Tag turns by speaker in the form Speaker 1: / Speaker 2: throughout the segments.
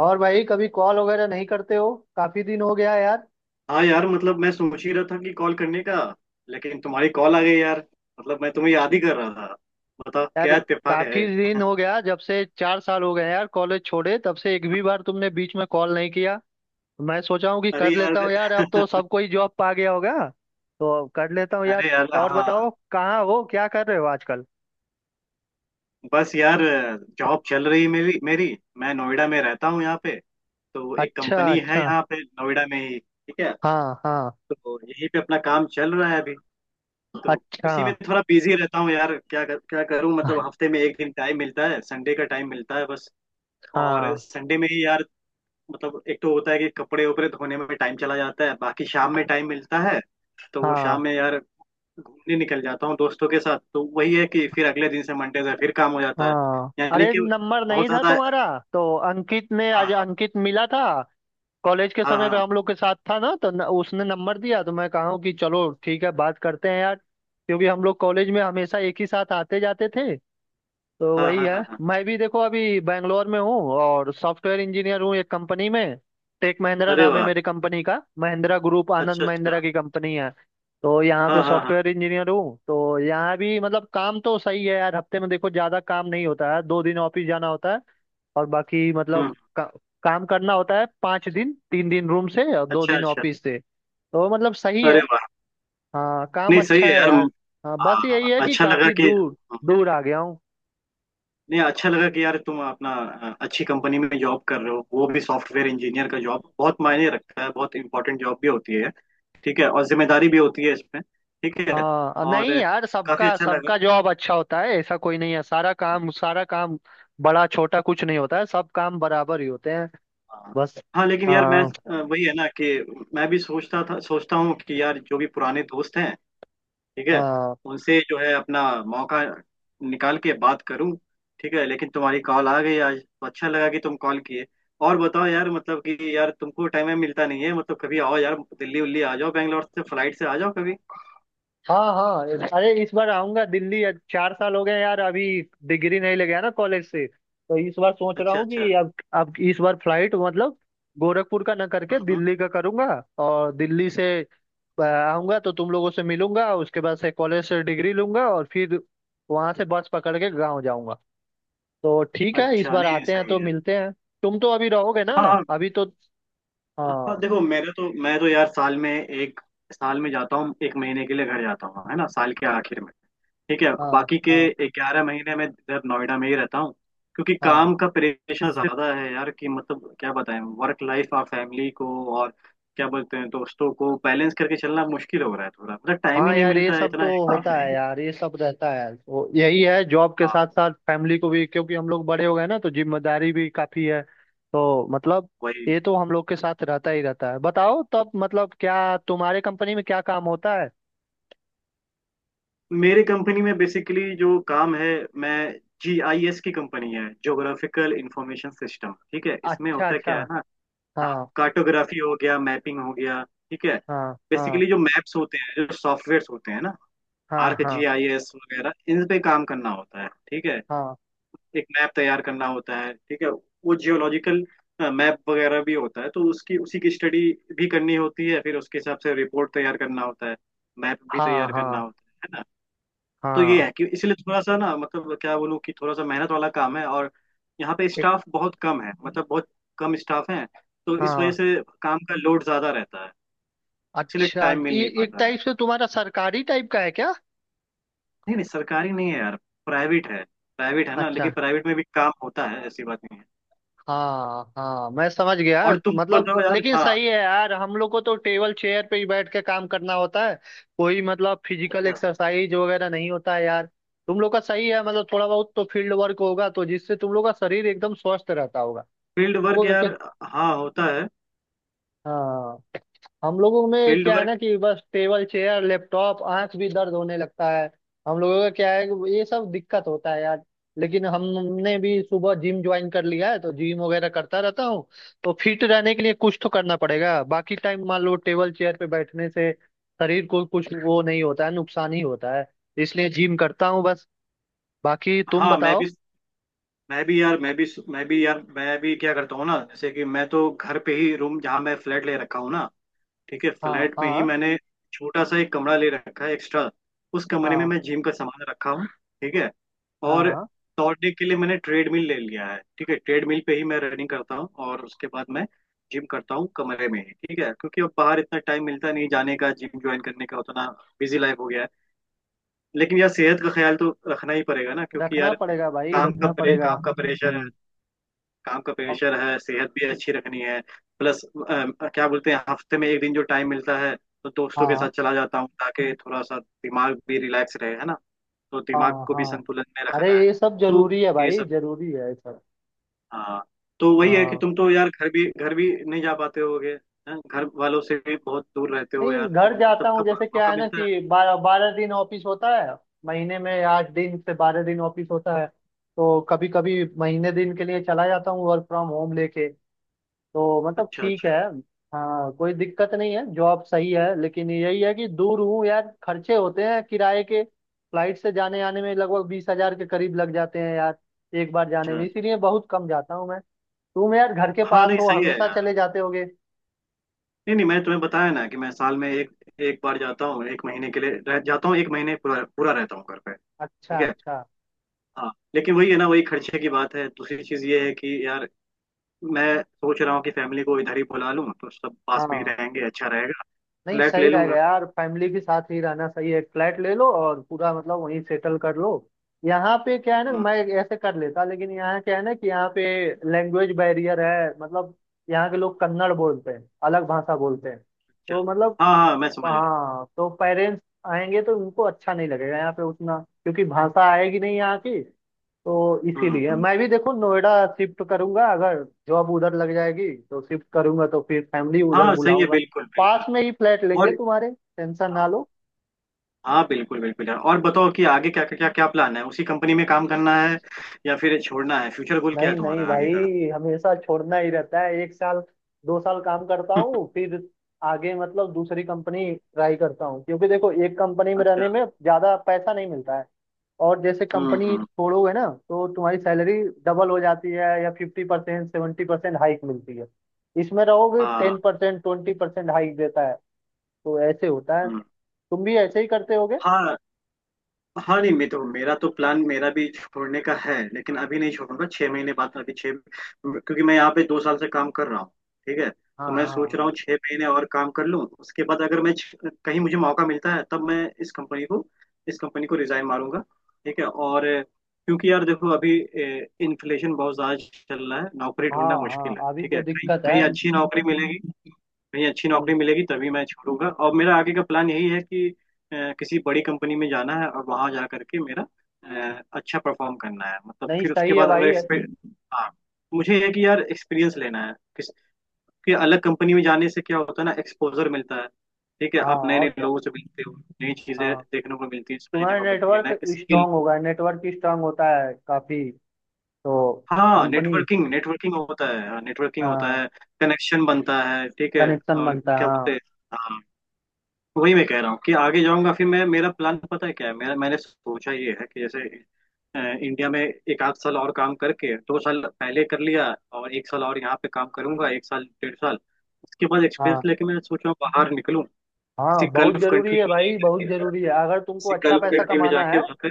Speaker 1: और भाई कभी कॉल वगैरह नहीं करते हो काफी दिन हो गया यार
Speaker 2: हाँ यार मतलब मैं सोच ही रहा था कि कॉल करने का। लेकिन तुम्हारी कॉल आ गई यार। मतलब मैं तुम्हें याद ही कर रहा था। बताओ
Speaker 1: यार
Speaker 2: क्या इत्तेफाक
Speaker 1: काफी
Speaker 2: है।
Speaker 1: दिन हो गया। जब से 4 साल हो गए यार कॉलेज छोड़े, तब से एक भी बार तुमने बीच में कॉल नहीं किया। मैं सोचा हूँ कि
Speaker 2: अरे
Speaker 1: कर
Speaker 2: यार।
Speaker 1: लेता हूँ यार, अब तो सबको ही जॉब पा गया होगा। तो अब कर लेता हूँ यार।
Speaker 2: अरे यार
Speaker 1: और
Speaker 2: हाँ।
Speaker 1: बताओ, कहाँ हो, क्या कर रहे हो आजकल?
Speaker 2: बस यार। जॉब चल रही मेरी मेरी। मैं नोएडा में रहता हूँ यहाँ पे। तो एक
Speaker 1: अच्छा
Speaker 2: कंपनी है
Speaker 1: अच्छा।
Speaker 2: यहाँ पे नोएडा में ही ठीक है।
Speaker 1: हाँ हाँ।
Speaker 2: तो यहीं पे अपना काम चल रहा है अभी। तो
Speaker 1: अच्छा।
Speaker 2: उसी में थोड़ा बिजी रहता हूँ यार क्या करूँ।
Speaker 1: हाँ
Speaker 2: मतलब हफ्ते में एक दिन टाइम मिलता है, संडे का टाइम मिलता है बस। और संडे में ही यार। मतलब एक तो होता है कि कपड़े वपड़े धोने में टाइम चला जाता है, बाकी शाम में टाइम मिलता है। तो वो
Speaker 1: हाँ
Speaker 2: शाम में यार घूमने निकल जाता हूँ दोस्तों के साथ। तो वही है कि फिर अगले दिन से मंडे से फिर काम हो जाता है।
Speaker 1: हाँ।
Speaker 2: यानी
Speaker 1: अरे,
Speaker 2: कि
Speaker 1: नंबर
Speaker 2: बहुत
Speaker 1: नहीं था
Speaker 2: ज्यादा।
Speaker 1: तुम्हारा। तो अंकित ने आज
Speaker 2: हाँ
Speaker 1: अंकित मिला था। कॉलेज के
Speaker 2: हाँ
Speaker 1: समय पे
Speaker 2: हाँ
Speaker 1: हम लोग के साथ था ना, तो न, उसने नंबर दिया तो मैं कहा कि चलो ठीक है, बात करते हैं यार। क्योंकि हम लोग कॉलेज में हमेशा एक ही साथ आते जाते थे, तो
Speaker 2: हाँ हाँ
Speaker 1: वही
Speaker 2: हाँ
Speaker 1: है।
Speaker 2: हाँ हाँ।
Speaker 1: मैं भी देखो अभी बैंगलोर में हूँ और सॉफ्टवेयर इंजीनियर हूँ एक कंपनी में। टेक महिंद्रा
Speaker 2: अरे
Speaker 1: नाम है
Speaker 2: वाह।
Speaker 1: मेरी कंपनी का, महिंद्रा ग्रुप, आनंद
Speaker 2: अच्छा अच्छा।
Speaker 1: महिंद्रा की कंपनी है। तो यहाँ पे
Speaker 2: हाँ हाँ हाँ।
Speaker 1: सॉफ्टवेयर इंजीनियर हूँ, तो यहाँ भी मतलब काम तो सही है यार। हफ्ते में देखो ज्यादा काम नहीं होता है, 2 दिन ऑफिस जाना होता है। और बाकी
Speaker 2: हम्म।
Speaker 1: मतलब काम करना होता है 5 दिन, 3 दिन रूम से और दो
Speaker 2: अच्छा
Speaker 1: दिन
Speaker 2: अच्छा।
Speaker 1: ऑफिस से, तो मतलब सही है।
Speaker 2: अरे वाह।
Speaker 1: हाँ, काम
Speaker 2: नहीं
Speaker 1: अच्छा
Speaker 2: सही है
Speaker 1: है
Speaker 2: यार।
Speaker 1: यार। हाँ, बस यही
Speaker 2: हाँ,
Speaker 1: है कि
Speaker 2: अच्छा लगा
Speaker 1: काफी
Speaker 2: कि
Speaker 1: दूर, दूर आ गया हूँ।
Speaker 2: नहीं, अच्छा लगा कि यार तुम अपना अच्छी कंपनी में जॉब कर रहे हो। वो भी सॉफ्टवेयर इंजीनियर का जॉब बहुत मायने रखता है, बहुत इंपॉर्टेंट जॉब भी होती है। ठीक है, और जिम्मेदारी भी होती है इसमें ठीक है।
Speaker 1: हाँ,
Speaker 2: और
Speaker 1: नहीं यार,
Speaker 2: काफी
Speaker 1: सबका
Speaker 2: अच्छा लगा।
Speaker 1: सबका जॉब अच्छा होता है, ऐसा कोई नहीं है। सारा काम, सारा काम, बड़ा छोटा कुछ नहीं होता है, सब काम बराबर ही होते हैं।
Speaker 2: हाँ
Speaker 1: बस।
Speaker 2: हाँ, लेकिन यार मैं
Speaker 1: हाँ
Speaker 2: वही है ना कि मैं भी सोचता था, सोचता हूँ कि यार जो भी पुराने दोस्त हैं ठीक है
Speaker 1: हाँ
Speaker 2: उनसे जो है अपना मौका निकाल के बात करूं। ठीक है, लेकिन तुम्हारी कॉल आ गई आज तो अच्छा लगा कि तुम कॉल किए। और बताओ यार मतलब कि यार तुमको टाइम में मिलता नहीं है मतलब। कभी आओ यार दिल्ली उल्ली आ जाओ, बैंगलोर से फ्लाइट से आ जाओ कभी।
Speaker 1: हाँ हाँ। अरे इस बार आऊंगा दिल्ली। आज 4 साल हो गए यार, अभी डिग्री नहीं ले गया ना कॉलेज से, तो इस बार सोच रहा
Speaker 2: अच्छा
Speaker 1: हूँ
Speaker 2: अच्छा।
Speaker 1: कि अब इस बार फ्लाइट मतलब गोरखपुर का ना करके
Speaker 2: हम्म हम्म।
Speaker 1: दिल्ली का करूंगा। और दिल्ली से आऊंगा तो तुम लोगों से मिलूंगा, उसके बाद से कॉलेज से डिग्री लूंगा, और फिर वहां से बस पकड़ के गाँव जाऊंगा। तो ठीक है, इस
Speaker 2: अच्छा,
Speaker 1: बार
Speaker 2: नहीं
Speaker 1: आते हैं तो
Speaker 2: सही है।
Speaker 1: मिलते हैं। तुम तो अभी रहोगे ना,
Speaker 2: हाँ हाँ।
Speaker 1: अभी तो।
Speaker 2: हाँ,
Speaker 1: हाँ
Speaker 2: देखो मेरे तो मैं तो यार साल में जाता हूँ, एक महीने के लिए घर जाता हूँ है ना साल के आखिर में। ठीक है,
Speaker 1: हाँ
Speaker 2: बाकी
Speaker 1: हाँ
Speaker 2: के 11 महीने में इधर नोएडा में ही रहता हूँ। क्योंकि
Speaker 1: हाँ।
Speaker 2: काम का प्रेशर ज्यादा है यार कि मतलब क्या बताएं, वर्क लाइफ और फैमिली को और क्या बोलते हैं दोस्तों को बैलेंस करके चलना मुश्किल हो रहा है थोड़ा, मतलब टाइम ही
Speaker 1: हाँ
Speaker 2: नहीं
Speaker 1: यार, ये
Speaker 2: मिलता है
Speaker 1: सब तो
Speaker 2: इतना।
Speaker 1: होता
Speaker 2: है।
Speaker 1: है यार, ये सब रहता है, वो यही है। जॉब के साथ
Speaker 2: हाँ।
Speaker 1: साथ फैमिली को भी, क्योंकि हम लोग बड़े हो गए ना तो जिम्मेदारी भी काफी है, तो मतलब
Speaker 2: वही।
Speaker 1: ये तो हम लोग के साथ रहता ही रहता है। बताओ तब मतलब, क्या तुम्हारे कंपनी में क्या काम होता है?
Speaker 2: मेरी कंपनी में बेसिकली जो काम है, मैं जी आई एस की कंपनी है, ज्योग्राफिकल इंफॉर्मेशन सिस्टम ठीक है, इसमें
Speaker 1: अच्छा
Speaker 2: होता
Speaker 1: अच्छा।
Speaker 2: क्या है ना, हाँ
Speaker 1: हाँ
Speaker 2: कार्टोग्राफी हो गया मैपिंग हो गया ठीक है।
Speaker 1: हाँ हाँ
Speaker 2: बेसिकली जो मैप्स होते हैं, जो सॉफ्टवेयर होते हैं ना
Speaker 1: हाँ
Speaker 2: आर्क
Speaker 1: हाँ
Speaker 2: जी आई एस वगैरह, इन पे काम करना होता है ठीक है।
Speaker 1: हाँ
Speaker 2: एक मैप तैयार करना होता है ठीक है, वो जियोलॉजिकल मैप वगैरह भी होता है तो उसकी उसी की स्टडी भी करनी होती है, फिर उसके हिसाब से रिपोर्ट तैयार करना होता है, मैप भी
Speaker 1: हाँ
Speaker 2: तैयार करना
Speaker 1: हाँ
Speaker 2: होता है ना। तो ये
Speaker 1: हाँ।
Speaker 2: है कि इसलिए थोड़ा सा ना मतलब क्या बोलूँ कि थोड़ा सा मेहनत वाला काम है। और यहाँ पे
Speaker 1: ए-
Speaker 2: स्टाफ बहुत कम है, मतलब बहुत कम स्टाफ है। तो इस वजह
Speaker 1: हाँ,
Speaker 2: से काम का लोड ज्यादा रहता है, इसलिए
Speaker 1: अच्छा
Speaker 2: टाइम मिल
Speaker 1: ये
Speaker 2: नहीं
Speaker 1: एक
Speaker 2: पाता है।
Speaker 1: टाइप से तुम्हारा सरकारी टाइप का है क्या?
Speaker 2: नहीं नहीं सरकारी नहीं है यार, प्राइवेट है। प्राइवेट है ना, लेकिन
Speaker 1: अच्छा।
Speaker 2: प्राइवेट में भी काम होता है ऐसी बात नहीं है।
Speaker 1: हाँ हाँ, मैं समझ गया।
Speaker 2: और तुम
Speaker 1: मतलब
Speaker 2: बताओ यार।
Speaker 1: लेकिन
Speaker 2: हाँ।
Speaker 1: सही है यार, हम लोग को तो टेबल चेयर पे ही बैठ के काम करना होता है। कोई मतलब फिजिकल
Speaker 2: अच्छा।
Speaker 1: एक्सरसाइज वगैरह नहीं होता है यार। तुम लोग का सही है मतलब, थोड़ा बहुत तो फील्ड वर्क होगा तो जिससे तुम लोग का शरीर एकदम स्वस्थ रहता होगा।
Speaker 2: फील्ड वर्क
Speaker 1: लोगों का क्या?
Speaker 2: यार हाँ होता है
Speaker 1: हाँ, हम लोगों में
Speaker 2: फील्ड
Speaker 1: क्या है
Speaker 2: वर्क।
Speaker 1: ना कि बस टेबल चेयर लैपटॉप, आंख भी दर्द होने लगता है। हम लोगों का क्या है कि ये सब दिक्कत होता है यार। लेकिन हमने भी सुबह जिम ज्वाइन कर लिया है, तो जिम वगैरह करता रहता हूँ। तो फिट रहने के लिए कुछ तो करना पड़ेगा, बाकी टाइम मान लो टेबल चेयर पे बैठने से शरीर को कुछ वो नहीं होता है, नुकसान ही होता है। इसलिए जिम करता हूँ बस। बाकी तुम
Speaker 2: हाँ मैं भी
Speaker 1: बताओ।
Speaker 2: मैं भी यार मैं भी यार मैं भी क्या करता हूँ ना, जैसे कि मैं तो घर पे ही रूम जहाँ मैं फ्लैट ले रखा हूँ ना ठीक है।
Speaker 1: हाँ
Speaker 2: फ्लैट में ही
Speaker 1: हाँ
Speaker 2: मैंने छोटा सा एक कमरा ले रखा है एक्स्ट्रा। उस कमरे में
Speaker 1: हाँ
Speaker 2: मैं जिम का सामान रखा हूँ ठीक है। और
Speaker 1: हाँ।
Speaker 2: दौड़ने के लिए मैंने ट्रेडमिल ले लिया है ठीक है। ट्रेडमिल पे ही मैं रनिंग करता हूँ और उसके बाद मैं जिम करता हूँ कमरे में ही ठीक है। क्योंकि अब बाहर इतना टाइम मिलता नहीं जाने का जिम ज्वाइन करने का उतना, बिजी लाइफ हो गया है। लेकिन यार सेहत का ख्याल तो रखना ही पड़ेगा ना, क्योंकि
Speaker 1: रखना
Speaker 2: यार
Speaker 1: पड़ेगा भाई, रखना पड़ेगा।
Speaker 2: काम का प्रेशर है।
Speaker 1: हम्म,
Speaker 2: काम का प्रेशर है, सेहत भी अच्छी रखनी है। प्लस क्या बोलते हैं, हफ्ते में एक दिन जो टाइम मिलता है तो दोस्तों के
Speaker 1: हाँ
Speaker 2: साथ चला जाता हूँ ताकि थोड़ा सा दिमाग भी रिलैक्स रहे है ना। तो दिमाग
Speaker 1: हाँ
Speaker 2: को भी
Speaker 1: हाँ।
Speaker 2: संतुलन में
Speaker 1: अरे
Speaker 2: रखना है।
Speaker 1: ये सब
Speaker 2: तो
Speaker 1: जरूरी है
Speaker 2: ये
Speaker 1: भाई,
Speaker 2: सब।
Speaker 1: जरूरी है ये सब।
Speaker 2: हाँ। तो वही है कि
Speaker 1: हाँ,
Speaker 2: तुम तो यार घर भी नहीं जा पाते होगे। हैं? घर वालों से भी बहुत दूर रहते हो
Speaker 1: नहीं
Speaker 2: यार
Speaker 1: घर
Speaker 2: तुम,
Speaker 1: जाता
Speaker 2: मतलब
Speaker 1: हूँ।
Speaker 2: कब
Speaker 1: जैसे क्या
Speaker 2: मौका
Speaker 1: है ना
Speaker 2: मिलता है।
Speaker 1: कि 12-12 दिन ऑफिस होता है, महीने में 8 दिन से 12 दिन ऑफिस होता है। तो कभी कभी महीने दिन के लिए चला जाता हूँ वर्क फ्रॉम होम लेके, तो मतलब
Speaker 2: अच्छा
Speaker 1: ठीक
Speaker 2: अच्छा।
Speaker 1: है। हाँ, कोई दिक्कत नहीं है, जॉब सही है, लेकिन यही है कि दूर हूँ यार, खर्चे होते हैं किराए के, फ्लाइट से जाने आने में लगभग 20 हजार के करीब लग जाते हैं यार, एक बार
Speaker 2: अच्छा
Speaker 1: जाने में।
Speaker 2: अच्छा।
Speaker 1: इसीलिए बहुत कम जाता हूँ मैं। तुम यार घर के
Speaker 2: हाँ
Speaker 1: पास
Speaker 2: नहीं
Speaker 1: हो,
Speaker 2: सही है
Speaker 1: हमेशा
Speaker 2: यार।
Speaker 1: चले जाते होगे।
Speaker 2: नहीं नहीं, मैंने तुम्हें बताया ना कि मैं साल में एक एक बार जाता हूँ, एक महीने के लिए रह जाता हूँ, एक महीने पूरा पूरा रहता हूँ घर पे।
Speaker 1: अच्छा
Speaker 2: ठीक है।
Speaker 1: अच्छा।
Speaker 2: हाँ लेकिन वही है ना, वही खर्चे की बात है। दूसरी चीज ये है कि यार मैं सोच रहा हूँ कि फैमिली को इधर ही बुला लूँ तो सब पास में ही
Speaker 1: हाँ,
Speaker 2: रहेंगे, अच्छा रहेगा।
Speaker 1: नहीं
Speaker 2: फ्लैट
Speaker 1: सही
Speaker 2: ले
Speaker 1: रहेगा
Speaker 2: लूंगा।
Speaker 1: यार, फैमिली के साथ ही रहना सही है। फ्लैट ले लो और पूरा मतलब वहीं सेटल कर लो। यहाँ पे क्या है ना,
Speaker 2: हम्म।
Speaker 1: मैं ऐसे कर लेता, लेकिन यहाँ क्या है ना कि यहाँ पे लैंग्वेज बैरियर है। मतलब यहाँ के लोग कन्नड़ बोलते हैं, अलग भाषा बोलते हैं तो
Speaker 2: चल।
Speaker 1: मतलब,
Speaker 2: हाँ हाँ मैं समझ रहा
Speaker 1: हाँ तो पेरेंट्स आएंगे तो उनको अच्छा नहीं लगेगा यहाँ पे उतना, क्योंकि भाषा आएगी नहीं यहाँ की। तो
Speaker 2: हूँ।
Speaker 1: इसीलिए
Speaker 2: हम्म।
Speaker 1: मैं भी देखो नोएडा शिफ्ट करूंगा, अगर जॉब उधर लग जाएगी तो शिफ्ट करूंगा, तो फिर फैमिली उधर
Speaker 2: हाँ सही है,
Speaker 1: बुलाऊंगा।
Speaker 2: बिल्कुल बिल्कुल।
Speaker 1: पास में ही फ्लैट लेंगे
Speaker 2: और।
Speaker 1: तुम्हारे। टेंशन ना लो।
Speaker 2: हाँ बिल्कुल बिल्कुल यार। और बताओ कि आगे क्या क्या क्या क्या प्लान है, उसी कंपनी में काम करना है या फिर छोड़ना है। फ्यूचर गोल क्या
Speaker 1: नहीं
Speaker 2: है
Speaker 1: नहीं
Speaker 2: तुम्हारा आगे
Speaker 1: भाई,
Speaker 2: का।
Speaker 1: हमेशा छोड़ना ही रहता है। एक साल 2 साल काम करता हूँ, फिर आगे मतलब दूसरी कंपनी ट्राई करता हूँ। क्योंकि देखो एक कंपनी में रहने
Speaker 2: अच्छा।
Speaker 1: में ज्यादा पैसा नहीं मिलता है। और जैसे कंपनी
Speaker 2: हम्म।
Speaker 1: छोड़ोगे ना तो तुम्हारी सैलरी डबल हो जाती है, या 50% 70% हाइक मिलती है। इसमें रहोगे
Speaker 2: हाँ।
Speaker 1: 10% 20% हाइक देता है। तो ऐसे होता है।
Speaker 2: हम्म।
Speaker 1: तुम भी ऐसे ही करते होगे।
Speaker 2: हाँ हाँ नहीं मैं तो, मेरा तो प्लान, मेरा भी छोड़ने का है लेकिन अभी नहीं छोड़ूंगा। छह महीने बाद अभी छह क्योंकि मैं यहाँ पे 2 साल से काम कर रहा हूँ ठीक है।
Speaker 1: हाँ
Speaker 2: तो मैं हाँ सोच रहा
Speaker 1: हाँ
Speaker 2: हूँ 6 महीने और काम कर लूँ। उसके बाद अगर मैं कहीं मुझे मौका मिलता है तब मैं इस कंपनी को रिजाइन मारूंगा। ठीक है और क्योंकि यार देखो अभी इन्फ्लेशन बहुत ज्यादा चल रहा है, नौकरी
Speaker 1: हाँ
Speaker 2: ढूंढना
Speaker 1: हाँ।
Speaker 2: मुश्किल है
Speaker 1: हाँ, अभी
Speaker 2: ठीक
Speaker 1: तो
Speaker 2: है। कहीं
Speaker 1: दिक्कत है।
Speaker 2: कहीं अच्छी नौकरी मिलेगी कहीं अच्छी नौकरी मिलेगी तभी मैं छोड़ूंगा। और मेरा आगे का प्लान यही है कि किसी बड़ी कंपनी में जाना है और वहां जा करके मेरा अच्छा परफॉर्म करना है। मतलब
Speaker 1: नहीं,
Speaker 2: फिर उसके
Speaker 1: सही है
Speaker 2: बाद अगर
Speaker 1: भाई।
Speaker 2: एक्सपीरियंस, हाँ मुझे है कि यार एक्सपीरियंस लेना है। किस कि अलग कंपनी में जाने से क्या होता है ना, एक्सपोजर मिलता है ठीक है।
Speaker 1: हाँ
Speaker 2: आप नए नए
Speaker 1: और क्या।
Speaker 2: लोगों से मिलते हो, नई चीजें
Speaker 1: हाँ,
Speaker 2: देखने को मिलती है, समझने
Speaker 1: तुम्हारा
Speaker 2: को मिलती है,
Speaker 1: नेटवर्क
Speaker 2: नए स्किल।
Speaker 1: स्ट्रांग होगा, नेटवर्क स्ट्रांग होता है काफी। तो
Speaker 2: हाँ
Speaker 1: कंपनी,
Speaker 2: नेटवर्किंग नेटवर्किंग होता है नेटवर्किंग होता
Speaker 1: हाँ,
Speaker 2: है। कनेक्शन बनता है ठीक है।
Speaker 1: कनेक्शन
Speaker 2: और
Speaker 1: बनता
Speaker 2: क्या
Speaker 1: है।
Speaker 2: बोलते हैं, हाँ वही मैं कह रहा हूँ कि आगे जाऊंगा। फिर मैं मेरा प्लान पता है क्या है, मेरा मैंने सोचा ये है कि जैसे इंडिया में एक आध साल और काम करके, 2 साल पहले कर लिया, और एक साल और यहाँ पे काम करूंगा, एक साल डेढ़ साल। उसके बाद एक्सपीरियंस
Speaker 1: हाँ
Speaker 2: लेके मैं सोच रहा हूँ बाहर निकलूं किसी
Speaker 1: हाँ, बहुत
Speaker 2: गल्फ
Speaker 1: जरूरी
Speaker 2: कंट्री
Speaker 1: है
Speaker 2: में
Speaker 1: भाई, बहुत
Speaker 2: जाके,
Speaker 1: जरूरी है। अगर तुमको अच्छा पैसा कमाना है
Speaker 2: वहाँ पे।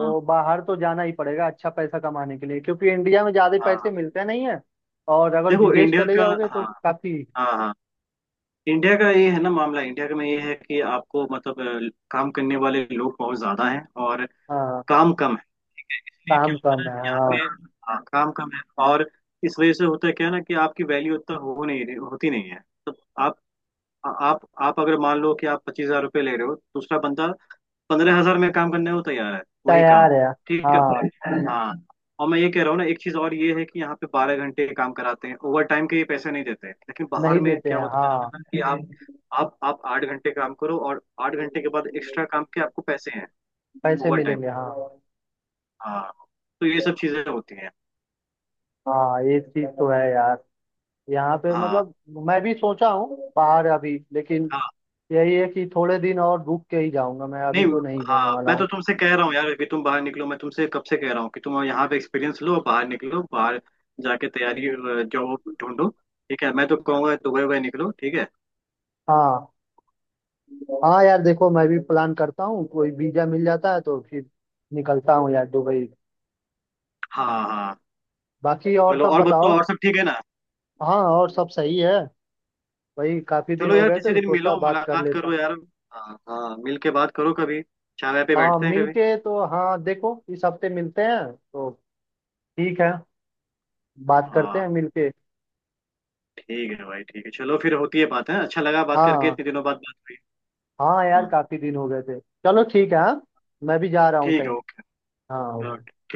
Speaker 2: हाँ
Speaker 1: बाहर तो जाना ही पड़ेगा, अच्छा पैसा कमाने के लिए, क्योंकि इंडिया में ज्यादा पैसे
Speaker 2: हाँ
Speaker 1: मिलते नहीं है। और अगर
Speaker 2: देखो
Speaker 1: विदेश
Speaker 2: इंडिया
Speaker 1: चले
Speaker 2: का।
Speaker 1: जाओगे तो
Speaker 2: हाँ
Speaker 1: काफी।
Speaker 2: हाँ हाँ। इंडिया का ये है ना मामला, इंडिया का में ये है कि आपको मतलब काम करने वाले लोग बहुत ज्यादा हैं और
Speaker 1: हाँ,
Speaker 2: काम कम है। इसलिए क्या
Speaker 1: काम
Speaker 2: होता है
Speaker 1: कम
Speaker 2: ना
Speaker 1: है।
Speaker 2: कि यहाँ
Speaker 1: हाँ,
Speaker 2: पे हाँ, काम कम है और इस वजह से होता है क्या है ना कि आपकी वैल्यू उतना हो नहीं रही, होती नहीं है। तो आप आप अगर मान लो कि आप 25,000 रुपये ले रहे हो, दूसरा बंदा 15,000 में काम करने को तैयार है वही काम।
Speaker 1: तैयार है।
Speaker 2: ठीक
Speaker 1: हाँ,
Speaker 2: है हाँ। और मैं ये कह रहा हूँ ना एक चीज और ये है कि यहाँ पे 12 घंटे काम कराते हैं, ओवर टाइम के ये पैसे नहीं देते। लेकिन
Speaker 1: नहीं
Speaker 2: बाहर में
Speaker 1: देते
Speaker 2: क्या
Speaker 1: हैं।
Speaker 2: होता है
Speaker 1: हाँ,
Speaker 2: ना कि आप आठ घंटे काम करो और 8 घंटे के बाद एक्स्ट्रा काम के आपको पैसे हैं
Speaker 1: पैसे
Speaker 2: ओवर टाइम
Speaker 1: मिलेंगे।
Speaker 2: के।
Speaker 1: हाँ,
Speaker 2: हाँ। तो ये सब चीजें होती हैं।
Speaker 1: हाँ ये चीज तो है यार। यहाँ पे
Speaker 2: हाँ।
Speaker 1: मतलब मैं भी सोचा हूँ बाहर, अभी लेकिन
Speaker 2: हाँ।
Speaker 1: यही है कि थोड़े दिन और रुक के ही जाऊंगा, मैं अभी
Speaker 2: नहीं
Speaker 1: तो नहीं जाने
Speaker 2: हाँ
Speaker 1: वाला
Speaker 2: मैं तो
Speaker 1: हूँ।
Speaker 2: तुमसे कह रहा हूँ यार कि तुम बाहर निकलो, मैं तुमसे कब से कह रहा हूँ कि तुम यहाँ पे एक्सपीरियंस लो, बाहर निकलो, बाहर जाके तैयारी जॉब ढूंढो ठीक है। मैं तो कहूँगा दुबई वुबई निकलो ठीक है।
Speaker 1: हाँ हाँ यार, देखो मैं भी प्लान करता हूँ, कोई वीजा मिल जाता है तो फिर निकलता हूँ यार दुबई।
Speaker 2: हाँ हाँ।
Speaker 1: बाकी और
Speaker 2: चलो
Speaker 1: सब
Speaker 2: और बताओ,
Speaker 1: बताओ।
Speaker 2: और सब ठीक है ना।
Speaker 1: हाँ और सब सही है। वही, काफी दिन
Speaker 2: चलो
Speaker 1: हो
Speaker 2: यार
Speaker 1: गए थे
Speaker 2: किसी
Speaker 1: तो
Speaker 2: दिन
Speaker 1: सोचा
Speaker 2: मिलो
Speaker 1: बात कर
Speaker 2: मुलाकात
Speaker 1: लेता।
Speaker 2: करो यार। हाँ हाँ मिल के बात करो कभी। चाय वाय पे
Speaker 1: हाँ,
Speaker 2: बैठते हैं कभी।
Speaker 1: मिलके तो हाँ, देखो इस हफ्ते मिलते हैं तो, ठीक है, बात करते
Speaker 2: हाँ
Speaker 1: हैं मिलके।
Speaker 2: ठीक है भाई ठीक है। चलो फिर होती है बात है, अच्छा लगा बात करके,
Speaker 1: हाँ
Speaker 2: इतने दिनों बाद बात हुई।
Speaker 1: हाँ यार,
Speaker 2: हाँ।
Speaker 1: काफी दिन हो गए थे। चलो ठीक है। हाँ, मैं भी जा रहा हूँ
Speaker 2: ठीक है।
Speaker 1: कहीं। हाँ।
Speaker 2: ओके।